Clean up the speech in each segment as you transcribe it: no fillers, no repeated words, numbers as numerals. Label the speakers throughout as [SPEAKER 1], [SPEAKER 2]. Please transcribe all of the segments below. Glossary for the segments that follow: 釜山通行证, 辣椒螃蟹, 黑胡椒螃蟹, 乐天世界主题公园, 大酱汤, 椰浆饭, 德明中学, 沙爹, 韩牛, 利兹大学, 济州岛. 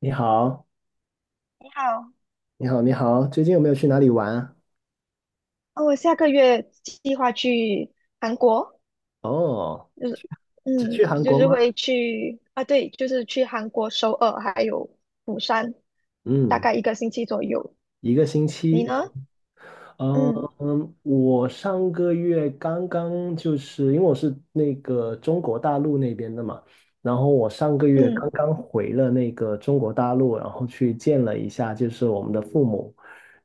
[SPEAKER 1] 你好，
[SPEAKER 2] 你好，
[SPEAKER 1] 你好，你好，最近有没有去哪里玩啊？
[SPEAKER 2] 哦，我下个月计划去韩国，
[SPEAKER 1] 哦，
[SPEAKER 2] 就是，
[SPEAKER 1] 只
[SPEAKER 2] 嗯，
[SPEAKER 1] 去韩
[SPEAKER 2] 就
[SPEAKER 1] 国
[SPEAKER 2] 是
[SPEAKER 1] 吗？
[SPEAKER 2] 会去啊，对，就是去韩国首尔还有釜山，大
[SPEAKER 1] 嗯，
[SPEAKER 2] 概一个星期左右。
[SPEAKER 1] 一个星
[SPEAKER 2] 你
[SPEAKER 1] 期。
[SPEAKER 2] 呢？嗯
[SPEAKER 1] 嗯，我上个月刚刚因为我是那个中国大陆那边的嘛，然后我上个月刚
[SPEAKER 2] 嗯
[SPEAKER 1] 刚回了那个中国大陆，然后去见了一下就是我们的父母。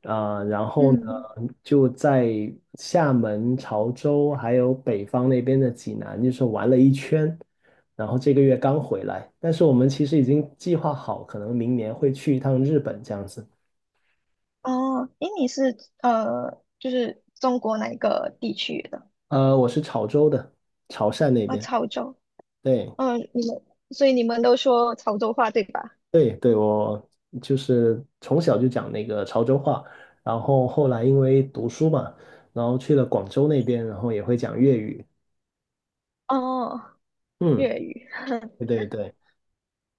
[SPEAKER 1] 然后呢
[SPEAKER 2] 嗯，
[SPEAKER 1] 就在厦门、潮州还有北方那边的济南，就是玩了一圈，然后这个月刚回来，但是我们其实已经计划好，可能明年会去一趟日本这样子。
[SPEAKER 2] 哦，诶，你是就是中国哪一个地区的？
[SPEAKER 1] 我是潮州的，潮汕那
[SPEAKER 2] 啊，
[SPEAKER 1] 边。
[SPEAKER 2] 潮州。
[SPEAKER 1] 对
[SPEAKER 2] 嗯，所以你们都说潮州话对吧？
[SPEAKER 1] 对对，我就是从小就讲那个潮州话，然后后来因为读书嘛，然后去了广州那边，然后也会讲粤语。
[SPEAKER 2] 哦，
[SPEAKER 1] 嗯，
[SPEAKER 2] 粤语。
[SPEAKER 1] 对对对。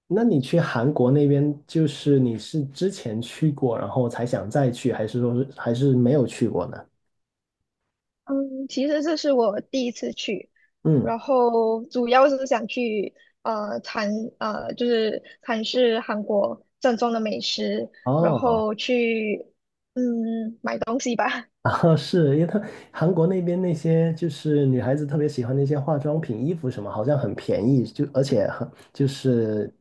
[SPEAKER 1] 那你去韩国那边，就是你是之前去过，然后才想再去，还是说是还是没有去过呢？
[SPEAKER 2] 嗯，其实这是我第一次去，
[SPEAKER 1] 嗯，
[SPEAKER 2] 然后主要是想去呃尝呃就是尝试韩国正宗的美食，然
[SPEAKER 1] 哦。
[SPEAKER 2] 后去买东西吧。
[SPEAKER 1] 啊，是因为他韩国那边那些就是女孩子特别喜欢那些化妆品、衣服什么，好像很便宜，就而且很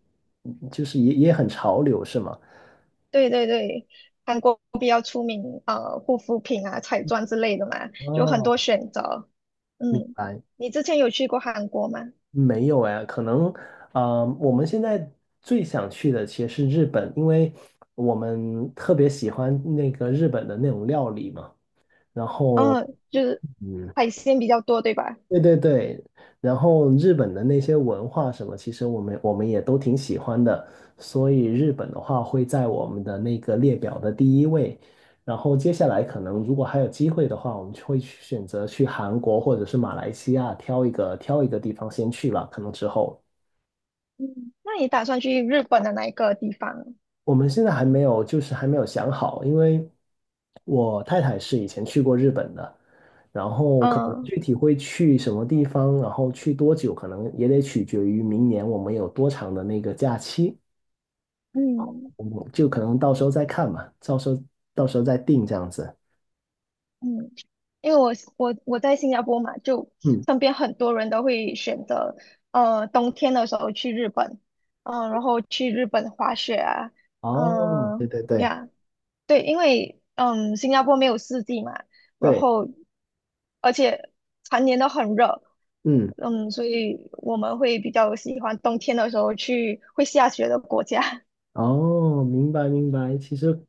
[SPEAKER 1] 就是也很潮流，是吗？
[SPEAKER 2] 对对对，韩国比较出名护肤品啊、彩妆之类的嘛，有很
[SPEAKER 1] 哦，
[SPEAKER 2] 多选择。
[SPEAKER 1] 明
[SPEAKER 2] 嗯，
[SPEAKER 1] 白。
[SPEAKER 2] 你之前有去过韩国吗？
[SPEAKER 1] 没有哎，可能啊、我们现在最想去的其实是日本，因为我们特别喜欢那个日本的那种料理嘛。然后，
[SPEAKER 2] 嗯，就是
[SPEAKER 1] 嗯，
[SPEAKER 2] 海鲜比较多，对吧？
[SPEAKER 1] 对对对，然后日本的那些文化什么，其实我们也都挺喜欢的，所以日本的话会在我们的那个列表的第一位。然后接下来可能如果还有机会的话，我们就会去选择去韩国或者是马来西亚挑一个地方先去了，可能之后
[SPEAKER 2] 嗯，那你打算去日本的哪一个地方？
[SPEAKER 1] 我们现在还没有还没有想好，因为，我太太是以前去过日本的，然后可能
[SPEAKER 2] 嗯。
[SPEAKER 1] 具体会去什么地方，然后去多久，可能也得取决于明年我们有多长的那个假期，
[SPEAKER 2] 嗯
[SPEAKER 1] 我们就可能到时候再看嘛，到时候再定这样子。
[SPEAKER 2] 嗯，因为我在新加坡嘛，就
[SPEAKER 1] 嗯，
[SPEAKER 2] 身边很多人都会选择，冬天的时候去日本，然后去日本滑雪啊，
[SPEAKER 1] 哦，对
[SPEAKER 2] 嗯、
[SPEAKER 1] 对对
[SPEAKER 2] 呀，对，因为新加坡没有四季嘛，然
[SPEAKER 1] 对，
[SPEAKER 2] 后而且常年都很热，
[SPEAKER 1] 嗯。
[SPEAKER 2] 嗯，所以我们会比较喜欢冬天的时候去会下雪的国家，
[SPEAKER 1] 哦，明白明白。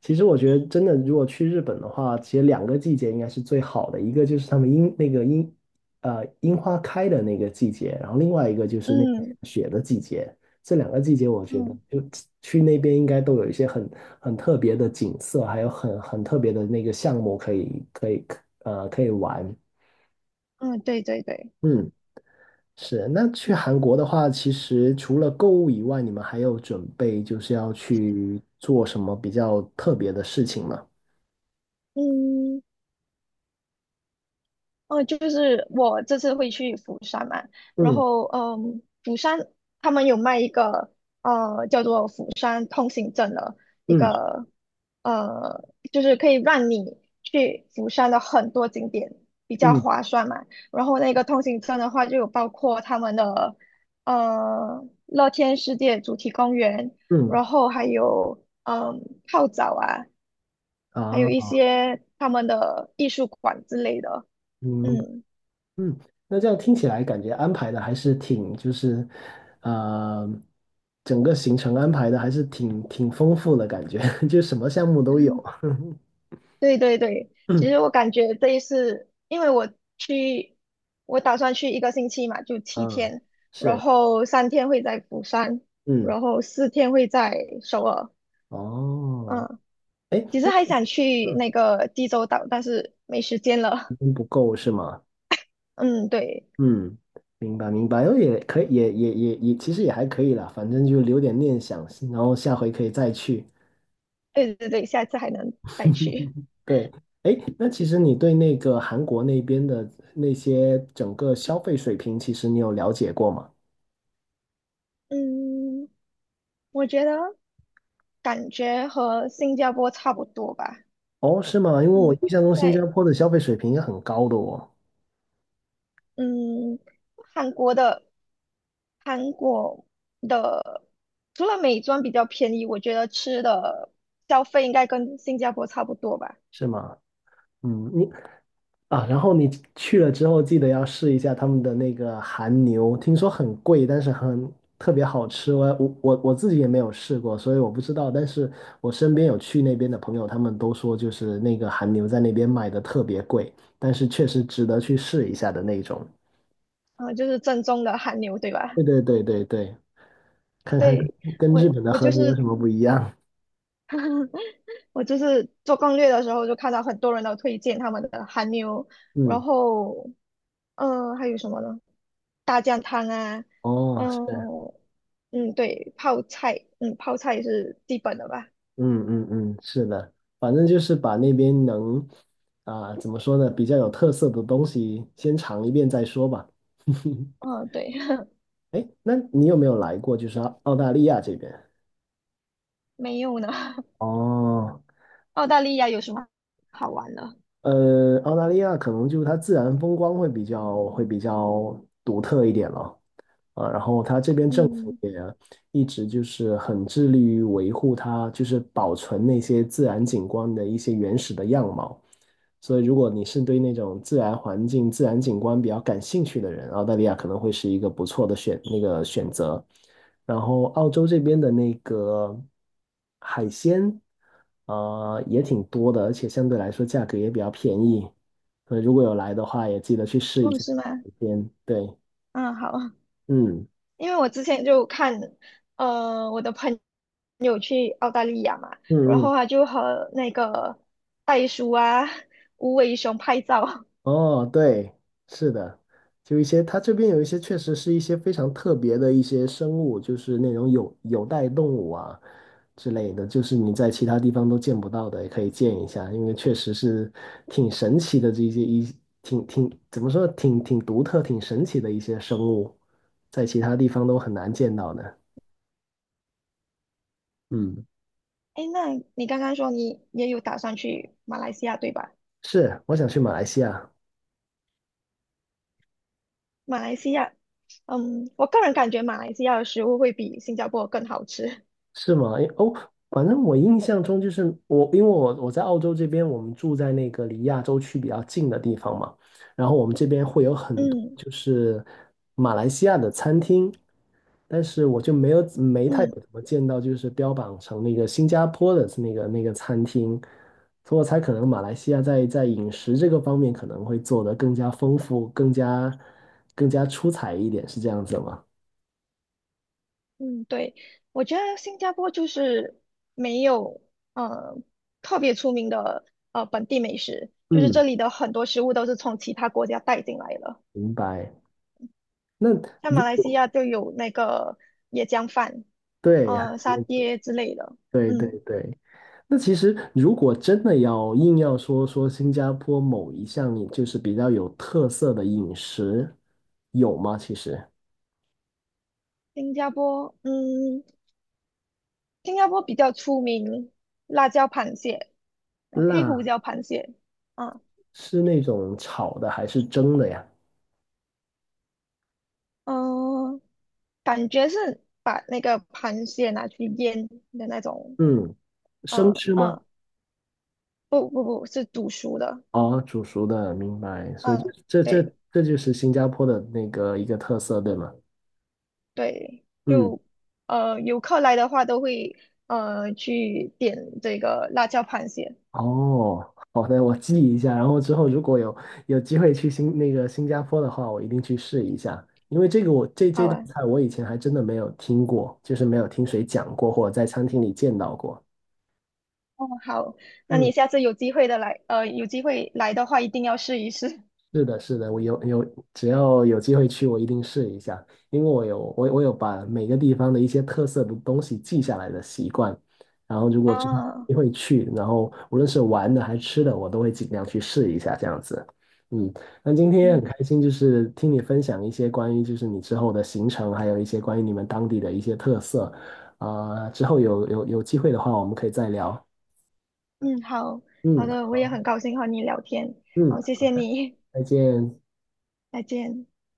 [SPEAKER 1] 其实我觉得真的，如果去日本的话，其实两个季节应该是最好的，一个就是他们樱那个樱花开的那个季节，然后另外一个就 是那个下
[SPEAKER 2] 嗯
[SPEAKER 1] 雪的季节。这两个季节，我觉得
[SPEAKER 2] 嗯
[SPEAKER 1] 就去那边应该都有一些很特别的景色，还有很特别的那个项目可以玩。
[SPEAKER 2] 嗯，对对对，
[SPEAKER 1] 嗯。是，那去韩国的话，其实除了购物以外，你们还有准备就是要去做什么比较特别的事情吗？
[SPEAKER 2] 嗯。嗯，就是我这次会去釜山嘛，然
[SPEAKER 1] 嗯
[SPEAKER 2] 后釜山他们有卖一个叫做釜山通行证的一
[SPEAKER 1] 嗯
[SPEAKER 2] 个呃，就是可以让你去釜山的很多景点比较
[SPEAKER 1] 嗯
[SPEAKER 2] 划算嘛。然后那个通行证的话，就有包括他们的乐天世界主题公园，
[SPEAKER 1] 嗯
[SPEAKER 2] 然后还有泡澡啊，还有一
[SPEAKER 1] 啊
[SPEAKER 2] 些他们的艺术馆之类的，
[SPEAKER 1] 嗯
[SPEAKER 2] 嗯。
[SPEAKER 1] 嗯，那这样听起来感觉安排的还是挺呃，整个行程安排的还是挺丰富的感觉，就什么项目都有。
[SPEAKER 2] 对对对，其 实我感觉这一次，因为我去，我打算去一个星期嘛，就七
[SPEAKER 1] 嗯，
[SPEAKER 2] 天，然
[SPEAKER 1] 是，
[SPEAKER 2] 后3天会在釜山，
[SPEAKER 1] 嗯，
[SPEAKER 2] 然后4天会在首尔。
[SPEAKER 1] 哦，
[SPEAKER 2] 嗯，
[SPEAKER 1] 哎，
[SPEAKER 2] 其实还想去
[SPEAKER 1] 嗯，
[SPEAKER 2] 那个济州岛，但是没时间
[SPEAKER 1] 时
[SPEAKER 2] 了。
[SPEAKER 1] 间不够是吗？
[SPEAKER 2] 嗯，对，
[SPEAKER 1] 嗯，明白明白，然后也可以，也，其实也还可以啦，反正就留点念想，然后下回可以再去。
[SPEAKER 2] 对对对，下次还能再去。
[SPEAKER 1] 对，哎，那其实你对那个韩国那边的那些整个消费水平，其实你有了解过吗？
[SPEAKER 2] 嗯，我觉得感觉和新加坡差不多吧。
[SPEAKER 1] 哦，是吗？因为我
[SPEAKER 2] 嗯，
[SPEAKER 1] 印象中新加
[SPEAKER 2] 对。
[SPEAKER 1] 坡的消费水平也很高的哦，
[SPEAKER 2] 嗯，韩国的韩国的除了美妆比较便宜，我觉得吃的消费应该跟新加坡差不多吧。
[SPEAKER 1] 是吗？嗯，你啊，然后你去了之后，记得要试一下他们的那个韩牛，听说很贵，但是很特别好吃。我自己也没有试过，所以我不知道。但是我身边有去那边的朋友，他们都说就是那个韩牛在那边卖的特别贵，但是确实值得去试一下的那种。
[SPEAKER 2] 嗯、就是正宗的韩牛，对吧？
[SPEAKER 1] 对对对对对，看看
[SPEAKER 2] 对，
[SPEAKER 1] 跟
[SPEAKER 2] 我
[SPEAKER 1] 日本的
[SPEAKER 2] 我
[SPEAKER 1] 和
[SPEAKER 2] 就
[SPEAKER 1] 牛有
[SPEAKER 2] 是
[SPEAKER 1] 什么不一样。
[SPEAKER 2] 我就是做攻略的时候就看到很多人都推荐他们的韩牛，然
[SPEAKER 1] 嗯，
[SPEAKER 2] 后还有什么呢？大酱汤啊，
[SPEAKER 1] 哦，
[SPEAKER 2] 嗯、
[SPEAKER 1] 是。
[SPEAKER 2] 嗯，对，泡菜，泡菜是基本的吧。
[SPEAKER 1] 嗯嗯嗯，是的，反正就是把那边能啊、怎么说呢，比较有特色的东西先尝一遍再说吧。
[SPEAKER 2] 嗯，对，
[SPEAKER 1] 哎，那你有没有来过就是澳大利亚这边？
[SPEAKER 2] 没有呢。
[SPEAKER 1] 哦，
[SPEAKER 2] 澳大利亚有什么好玩的？
[SPEAKER 1] 呃，澳大利亚可能就是它自然风光会会比较独特一点了啊，然后它这边政府
[SPEAKER 2] 嗯，
[SPEAKER 1] 也一直就是很致力于维护它，就是保存那些自然景观的一些原始的样貌。所以，如果你是对那种自然环境、自然景观比较感兴趣的人，澳大利亚可能会是一个不错的那个选择。然后澳洲这边的那个海鲜，呃，也挺多的，而且相对来说价格也比较便宜，所以如果有来的话，也记得去试一
[SPEAKER 2] 哦，
[SPEAKER 1] 下
[SPEAKER 2] 是吗？
[SPEAKER 1] 海鲜。对，
[SPEAKER 2] 嗯，好，
[SPEAKER 1] 嗯
[SPEAKER 2] 因为我之前就看，我的朋友去澳大利亚嘛，然
[SPEAKER 1] 嗯嗯。
[SPEAKER 2] 后他就和那个袋鼠啊、无尾熊拍照。
[SPEAKER 1] 哦，对，是的，就一些，它这边有一些确实是一些非常特别的一些生物，就是那种有袋动物啊之类的，就是你在其他地方都见不到的，也可以见一下，因为确实是挺神奇的这些一挺怎么说，挺独特、挺神奇的一些生物，在其他地方都很难见到的。嗯，
[SPEAKER 2] 哎，那你刚刚说你也有打算去马来西亚，对吧？
[SPEAKER 1] 是，我想去马来西亚。
[SPEAKER 2] 马来西亚，我个人感觉马来西亚的食物会比新加坡更好吃。
[SPEAKER 1] 是吗？诶哦，反正我印象中就是我，因为我在澳洲这边，我们住在那个离亚洲区比较近的地方嘛，然后我们这边会有 很多
[SPEAKER 2] 嗯
[SPEAKER 1] 就是马来西亚的餐厅，但是我就没太有
[SPEAKER 2] 嗯，
[SPEAKER 1] 怎么见到就是标榜成那个新加坡的那个餐厅，所以我猜可能马来西亚在饮食这个方面可能会做得更加丰富，更加出彩一点，是这样子吗？
[SPEAKER 2] 嗯，对，我觉得新加坡就是没有呃特别出名的本地美食，就是这
[SPEAKER 1] 嗯，
[SPEAKER 2] 里的很多食物都是从其他国家带进来的，
[SPEAKER 1] 明白。那
[SPEAKER 2] 像
[SPEAKER 1] 如
[SPEAKER 2] 马来西
[SPEAKER 1] 果
[SPEAKER 2] 亚就有那个椰浆饭，
[SPEAKER 1] 对，还
[SPEAKER 2] 沙
[SPEAKER 1] 有
[SPEAKER 2] 爹之类的。
[SPEAKER 1] 对对
[SPEAKER 2] 嗯，
[SPEAKER 1] 对。那其实如果真的要硬要说说新加坡某一项饮就是比较有特色的饮食，有吗？其实
[SPEAKER 2] 新加坡，嗯，新加坡比较出名辣椒螃蟹啊，黑胡
[SPEAKER 1] 辣
[SPEAKER 2] 椒螃蟹啊，
[SPEAKER 1] 是那种炒的还是蒸的呀？
[SPEAKER 2] 嗯、感觉是把那个螃蟹拿去腌的那种，
[SPEAKER 1] 嗯，生吃吗？
[SPEAKER 2] 嗯。不不不是读书的，
[SPEAKER 1] 哦，煮熟的，明白。所以
[SPEAKER 2] 嗯，对
[SPEAKER 1] 这就是新加坡的那个一个特色，对吗？
[SPEAKER 2] 对，
[SPEAKER 1] 嗯。
[SPEAKER 2] 就游客来的话都会去点这个辣椒螃蟹，
[SPEAKER 1] 哦，好的，我记一下，然后之后如果有有机会去新那个新加坡的话，我一定去试一下，因为这个这
[SPEAKER 2] 好
[SPEAKER 1] 道
[SPEAKER 2] 吧？
[SPEAKER 1] 菜我以前还真的没有听过，就是没有听谁讲过或者在餐厅里见到过。
[SPEAKER 2] 哦，好，那你
[SPEAKER 1] 嗯。
[SPEAKER 2] 下次有机会来的话一定要试一试。
[SPEAKER 1] 是的，是的，有，只要有机会去，我一定试一下，因为我有把每个地方的一些特色的东西记下来的习惯，然后如果真的
[SPEAKER 2] 啊，
[SPEAKER 1] 有机会去，然后无论是玩的还是吃的，我都会尽量去试一下这样子。嗯，那今天很
[SPEAKER 2] 嗯
[SPEAKER 1] 开心，就是听你分享一些关于就是你之后的行程，还有一些关于你们当地的一些特色，啊、之后有机会的话，我们可以再聊。
[SPEAKER 2] 嗯，好好
[SPEAKER 1] 嗯
[SPEAKER 2] 的，我也很高兴和你聊天，
[SPEAKER 1] 嗯，
[SPEAKER 2] 好，谢谢你，
[SPEAKER 1] 再见。
[SPEAKER 2] 再见。